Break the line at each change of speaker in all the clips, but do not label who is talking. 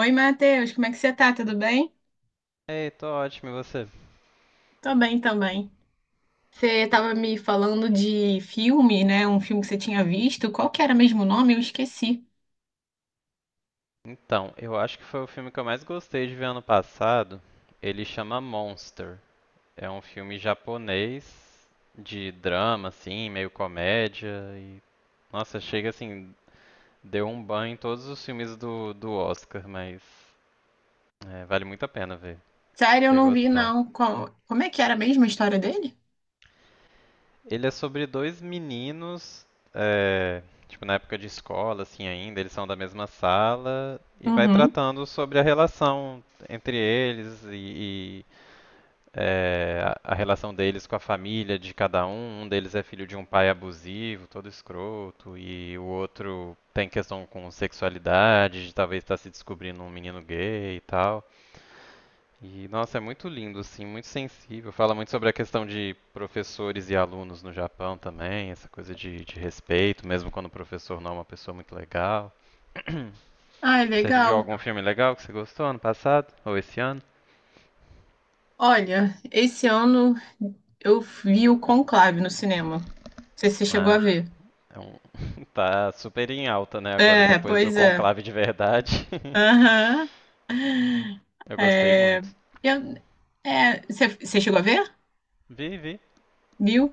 Oi, Matheus, como é que você tá? Tudo bem?
Ei, tô ótimo, e você?
Tô bem também. Você estava me falando de filme, né? Um filme que você tinha visto. Qual que era mesmo o nome? Eu esqueci.
Então, eu acho que foi o filme que eu mais gostei de ver ano passado. Ele chama Monster. É um filme japonês de drama, assim, meio comédia e... Nossa, chega assim, deu um banho em todos os filmes do Oscar, mas é, vale muito a pena ver. Acho que
Sério, eu
você ia
não vi,
gostar.
não. Como é que era mesmo a história dele?
Ele é sobre dois meninos, é, tipo, na época de escola, assim, ainda, eles são da mesma sala, e vai
Uhum.
tratando sobre a relação entre eles e a relação deles com a família de cada um. Um deles é filho de um pai abusivo, todo escroto, e o outro tem questão com sexualidade, de talvez estar se descobrindo um menino gay e tal. E, nossa, é muito lindo, assim, muito sensível. Fala muito sobre a questão de professores e alunos no Japão também, essa coisa de respeito, mesmo quando o professor não é uma pessoa muito legal.
Ah, é
Você viu
legal.
algum filme legal que você gostou ano passado? Ou esse ano?
Olha, esse ano eu vi o Conclave no cinema. Não sei se você chegou a
Ah,
ver.
é um- tá super em alta, né, agora,
É,
depois do
pois é.
Conclave de Verdade.
Aham.
Eu gostei
É,
muito.
eu- você chegou a ver?
Vi, vi.
Viu?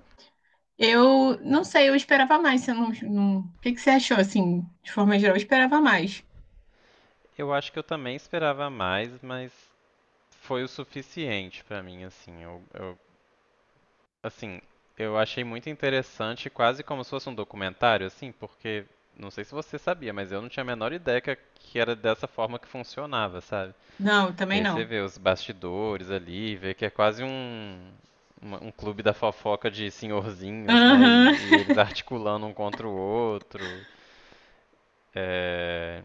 Eu não sei, eu esperava mais. Você não... O que que você achou, assim, de forma geral? Eu esperava mais.
Eu acho que eu também esperava mais, mas foi o suficiente pra mim, assim. Eu Assim, eu achei muito interessante, quase como se fosse um documentário, assim, porque não sei se você sabia, mas eu não tinha a menor ideia que era dessa forma que funcionava, sabe?
Não, eu
E
também
aí você
não.
vê os bastidores ali, vê que é quase um, um clube da fofoca de senhorzinhos, né?
Aham,
E eles articulando um contra o outro. É,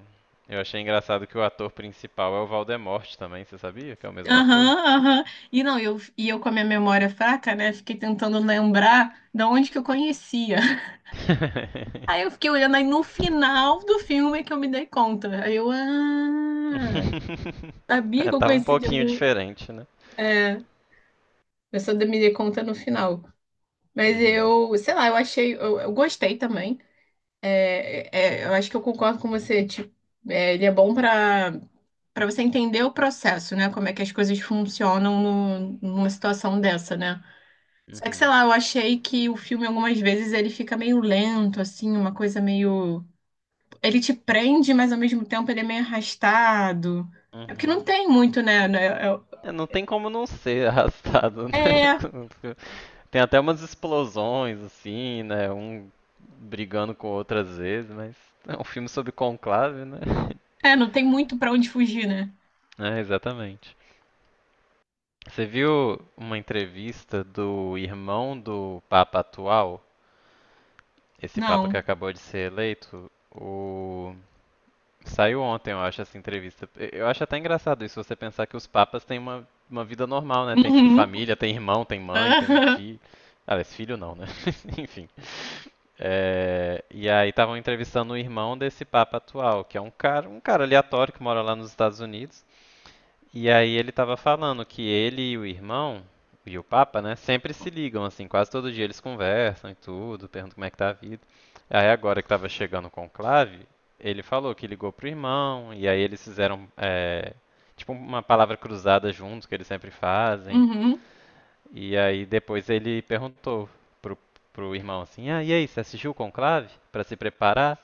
eu achei engraçado que o ator principal é o Valdemorte também, você sabia que é o mesmo ator?
aham, aham. E não, e eu com a minha memória fraca, né? Fiquei tentando lembrar de onde que eu conhecia. Aí eu fiquei olhando, aí no final do filme é que eu me dei conta. Aí eu, ah, sabia
É,
que eu
tava um
conhecia de
pouquinho
algum.
diferente, né?
É, eu só me dei conta no final. Mas
Uhum,
eu, sei lá, eu achei, eu gostei também. É, é, eu acho que eu concordo com você. Tipo, é, ele é bom para você entender o processo, né? Como é que as coisas funcionam numa situação dessa, né? Só que, sei
uhum,
lá, eu achei que o filme algumas vezes ele fica meio lento, assim, uma coisa meio. Ele te prende, mas ao mesmo tempo ele é meio arrastado. É porque
uhum.
não tem muito, né?
É, não tem como não ser arrastado, né?
É, é,
Tem até umas explosões, assim, né? Um brigando com outras vezes, mas é um filme sobre conclave, né?
é, não tem muito para onde fugir, né?
É, exatamente. Você viu uma entrevista do irmão do Papa atual, esse Papa que
Não.
acabou de ser eleito, o saiu ontem, eu acho, essa entrevista. Eu acho até engraçado isso, você pensar que os papas têm uma vida normal, né? Tem, tipo,
Uhum.
família, tem irmão, tem mãe, tem filho. Aliás, filho não, né? Enfim. É, e aí estavam entrevistando o irmão desse papa atual, que é um cara aleatório que mora lá nos Estados Unidos. E aí ele estava falando que ele e o irmão, e o Papa, né, sempre se ligam, assim, quase todo dia eles conversam e tudo, perguntam como é que tá a vida. Aí agora que estava chegando o conclave, ele falou que ligou pro irmão, e aí eles fizeram, tipo, uma palavra cruzada juntos, que eles sempre fazem.
Aham. Uhum.
E aí depois ele perguntou pro, pro irmão assim, ah, e aí, você assistiu o conclave? Pra se preparar?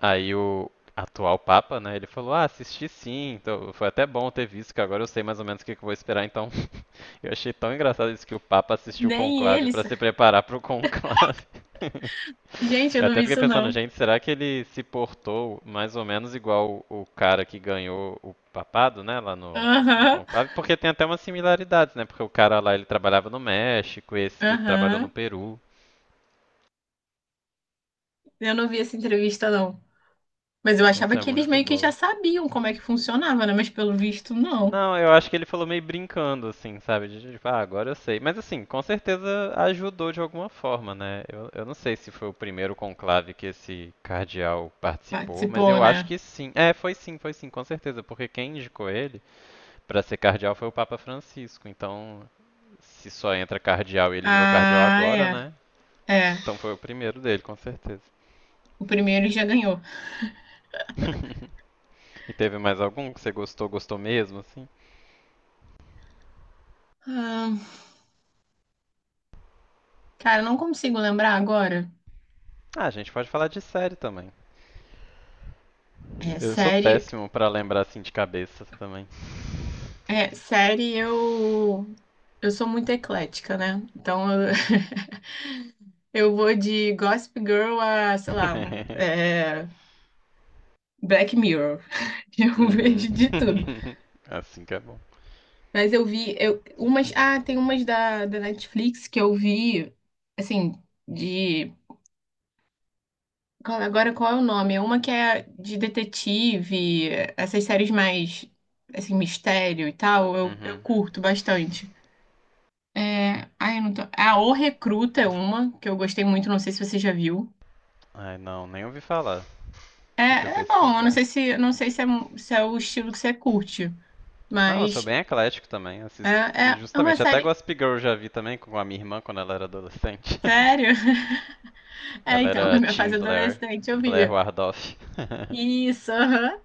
Aí o atual Papa, né, ele falou, ah, assisti sim, então foi até bom ter visto, que agora eu sei mais ou menos o que, que eu vou esperar, então eu achei tão engraçado isso que o Papa assistiu o
Nem
conclave
eles.
para se preparar para o conclave.
Gente, eu
Eu
não
até
vi
fiquei
isso,
pensando,
não.
gente, será que ele se portou mais ou menos igual o cara que ganhou o papado, né, lá no
Aham.
conclave? Porque tem até umas similaridades, né, porque o cara lá, ele trabalhava no México, esse trabalhou no
Aham.
Peru.
Eu não vi essa entrevista, não. Mas eu achava
Nossa, é
que eles
muito
meio que já
boa.
sabiam como é que funcionava, né? Mas pelo visto, não.
Não, eu acho que ele falou meio brincando, assim, sabe? De, tipo, ah, agora eu sei. Mas assim, com certeza ajudou de alguma forma, né? Eu não sei se foi o primeiro conclave que esse cardeal participou, mas
Participou,
eu
né?
acho que sim. É, foi sim, com certeza. Porque quem indicou ele pra ser cardeal foi o Papa Francisco. Então, se só entra cardeal e ele virou cardeal
Ah,
agora,
é.
né?
É.
Então foi o primeiro dele, com certeza.
O primeiro já ganhou.
E teve mais algum que você gostou, gostou mesmo, assim?
Ah, cara, eu não consigo lembrar agora.
Ah, a gente pode falar de série também.
É,
Eu sou
série.
péssimo pra lembrar assim de cabeça também.
É, série eu. Eu sou muito eclética, né? Então eu vou de Gossip Girl a, sei lá, é, Black Mirror. Eu
uhum.
vejo de tudo.
assim que é bom.
Mas eu vi eu, umas. Ah, tem umas da, da Netflix que eu vi, assim, de. Agora qual é o nome? É uma que é de detetive, essas séries mais, assim, mistério e tal, eu
Uhum.
curto bastante. É, ai, eu não tô. Ah, O Recruta é uma que eu gostei muito, não sei se você já viu.
Ai, não, nem ouvi falar.
É,
Deixa eu
é bom, eu não
pesquisar.
sei se, não sei se é, se é o estilo que você curte,
Não, eu sou
mas
bem eclético também.
é,
Assisto,
é uma
justamente, até
série.
Gossip Girl eu já vi também com a minha irmã quando ela era adolescente.
Sério? É,
ela
então, na
era
minha
Tim
fase
Blair,
adolescente eu vi.
Blair Wardoff.
Isso, aham.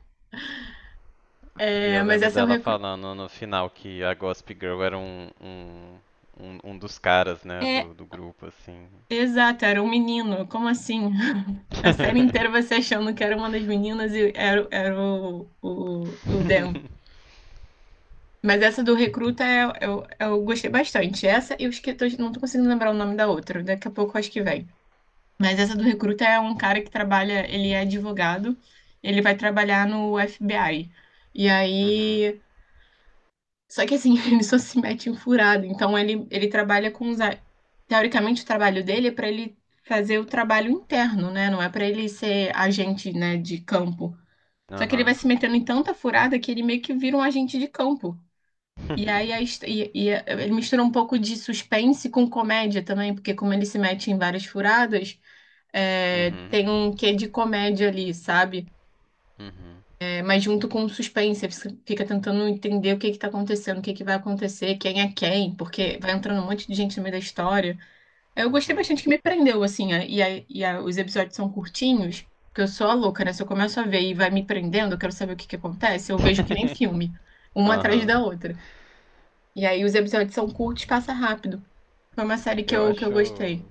E
É,
eu
mas
lembro
essa eu
dela falando no final que a Gossip Girl era um dos caras, né,
é,
do grupo, assim.
exato, era um menino. Como assim? A série inteira você achando que era uma das meninas e era, era o Dan. Mas essa do Recruta eu gostei bastante. Essa e os que não tô conseguindo lembrar o nome da outra. Daqui a pouco eu acho que vem. Mas essa do Recruta é um cara que trabalha, ele é advogado, ele vai trabalhar no FBI. E
Uhum.
aí. Só que assim, ele só se mete em furada. Então ele trabalha com teoricamente, o trabalho dele é para ele fazer o trabalho interno, né? Não é para ele ser agente, né, de campo. Só que ele vai
Aham.
se metendo em tanta furada que ele meio que vira um agente de campo. E aí a his- e a- ele mistura um pouco de suspense com comédia também, porque como ele se mete em várias furadas, é,
Uhum.
tem um quê de comédia ali, sabe?
Uhum.
Mas junto com o suspense, você fica tentando entender o que que tá acontecendo, o que que vai acontecer, quem é quem, porque vai entrando um monte de gente no meio da história. Eu gostei
Uhum.
bastante que me prendeu, assim, os episódios são curtinhos, porque eu sou a louca, né? Se eu começo a ver e vai me prendendo, eu quero saber o que que acontece, eu vejo que nem filme, uma atrás
Aham.
da outra. E aí os episódios são curtos, passa rápido. Foi uma série que
Eu
que eu
acho.
gostei.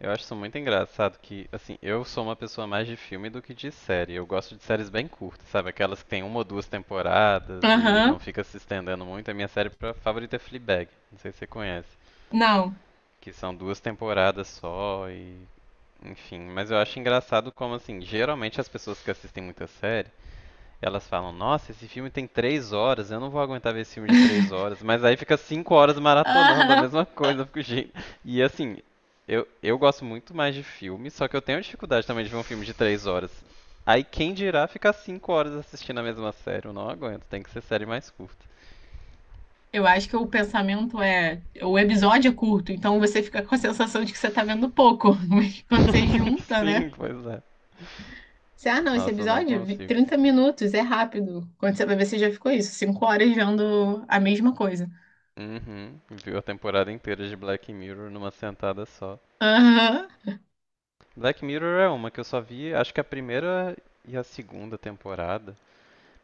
Eu acho isso muito engraçado que, assim, eu sou uma pessoa mais de filme do que de série. Eu gosto de séries bem curtas, sabe? Aquelas que tem uma ou duas temporadas e
Aham,
não fica se estendendo muito. A minha série favorita é Fleabag. Não sei se você conhece.
não.
Que são duas temporadas só e. Enfim, mas eu acho engraçado como, assim, geralmente as pessoas que assistem muita série. Elas falam, nossa, esse filme tem 3 horas, eu não vou aguentar ver esse filme de 3 horas. Mas aí fica 5 horas maratonando a
Aham,
mesma coisa. Eu fico, "Gente." E assim, eu gosto muito mais de filme, só que eu tenho dificuldade também de ver um filme de 3 horas. Aí quem dirá ficar 5 horas assistindo a mesma série? Eu não aguento, tem que ser série mais curta.
eu acho que o pensamento é: o episódio é curto, então você fica com a sensação de que você tá vendo pouco. Mas quando você junta, né?
Sim, pois é.
Você, ah, não, esse
Nossa, eu não
episódio,
consigo.
30 minutos, é rápido. Quando você vai ver, você já ficou isso, 5 horas vendo a mesma coisa.
Uhum, viu a temporada inteira de Black Mirror numa sentada só.
Aham,
Black Mirror é uma que eu só vi, acho que a primeira e a segunda temporada.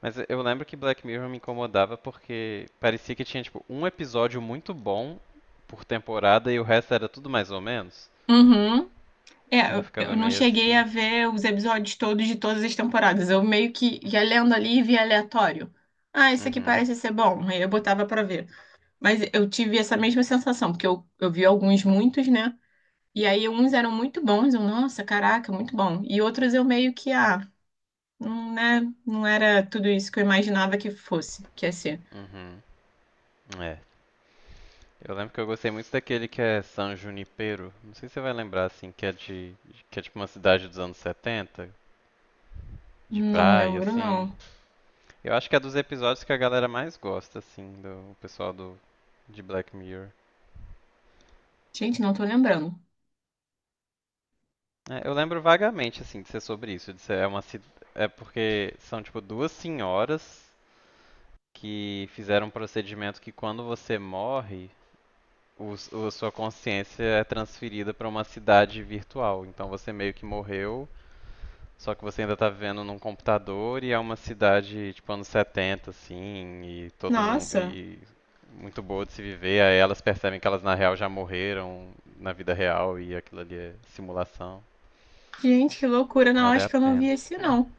Mas eu lembro que Black Mirror me incomodava porque parecia que tinha, tipo, um episódio muito bom por temporada e o resto era tudo mais ou menos.
uhum. É,
Aí eu
eu
ficava
eu não
meio
cheguei a
assim.
ver os episódios todos de todas as temporadas. Eu meio que ia lendo ali e via aleatório. Ah, esse aqui
Uhum,
parece ser bom. Aí eu botava pra ver. Mas eu tive essa mesma sensação, porque eu vi alguns muitos, né? E aí uns eram muito bons, eu, nossa, caraca, muito bom. E outros eu meio que, ah, não, né, não era tudo isso que eu imaginava que fosse, que ia ser.
uhum. É. Eu lembro que eu gostei muito daquele que é San Junipero. Não sei se você vai lembrar, assim, que é de. Que é tipo uma cidade dos anos 70, de
Não
praia,
lembro,
assim.
não.
Eu acho que é dos episódios que a galera mais gosta, assim, do o pessoal do de Black Mirror.
Gente, não tô lembrando.
É, eu lembro vagamente, assim, de ser sobre isso, de ser é porque são tipo duas senhoras que fizeram um procedimento que quando você morre, a sua consciência é transferida para uma cidade virtual. Então você meio que morreu, só que você ainda tá vivendo num computador e é uma cidade tipo anos 70 assim, e todo mundo
Nossa,
e muito boa de se viver. Aí elas percebem que elas na real já morreram na vida real e aquilo ali é simulação.
gente, que loucura, não,
Vale
acho
a
que eu não vi
pena.
esse, não.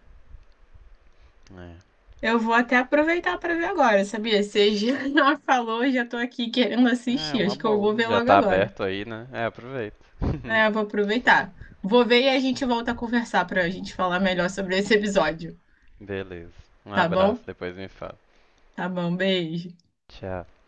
É.
Eu vou até aproveitar pra ver agora, sabia? Você já falou, já tô aqui querendo
É,
assistir,
uma
acho que eu vou
boa.
ver
Já
logo
tá
agora.
aberto aí, né? É, aproveita.
É, eu vou aproveitar. Vou ver e a gente volta a conversar pra gente falar melhor sobre esse episódio,
Beleza. Um
tá bom?
abraço, depois me fala.
Tá bom, beijo.
Tchau.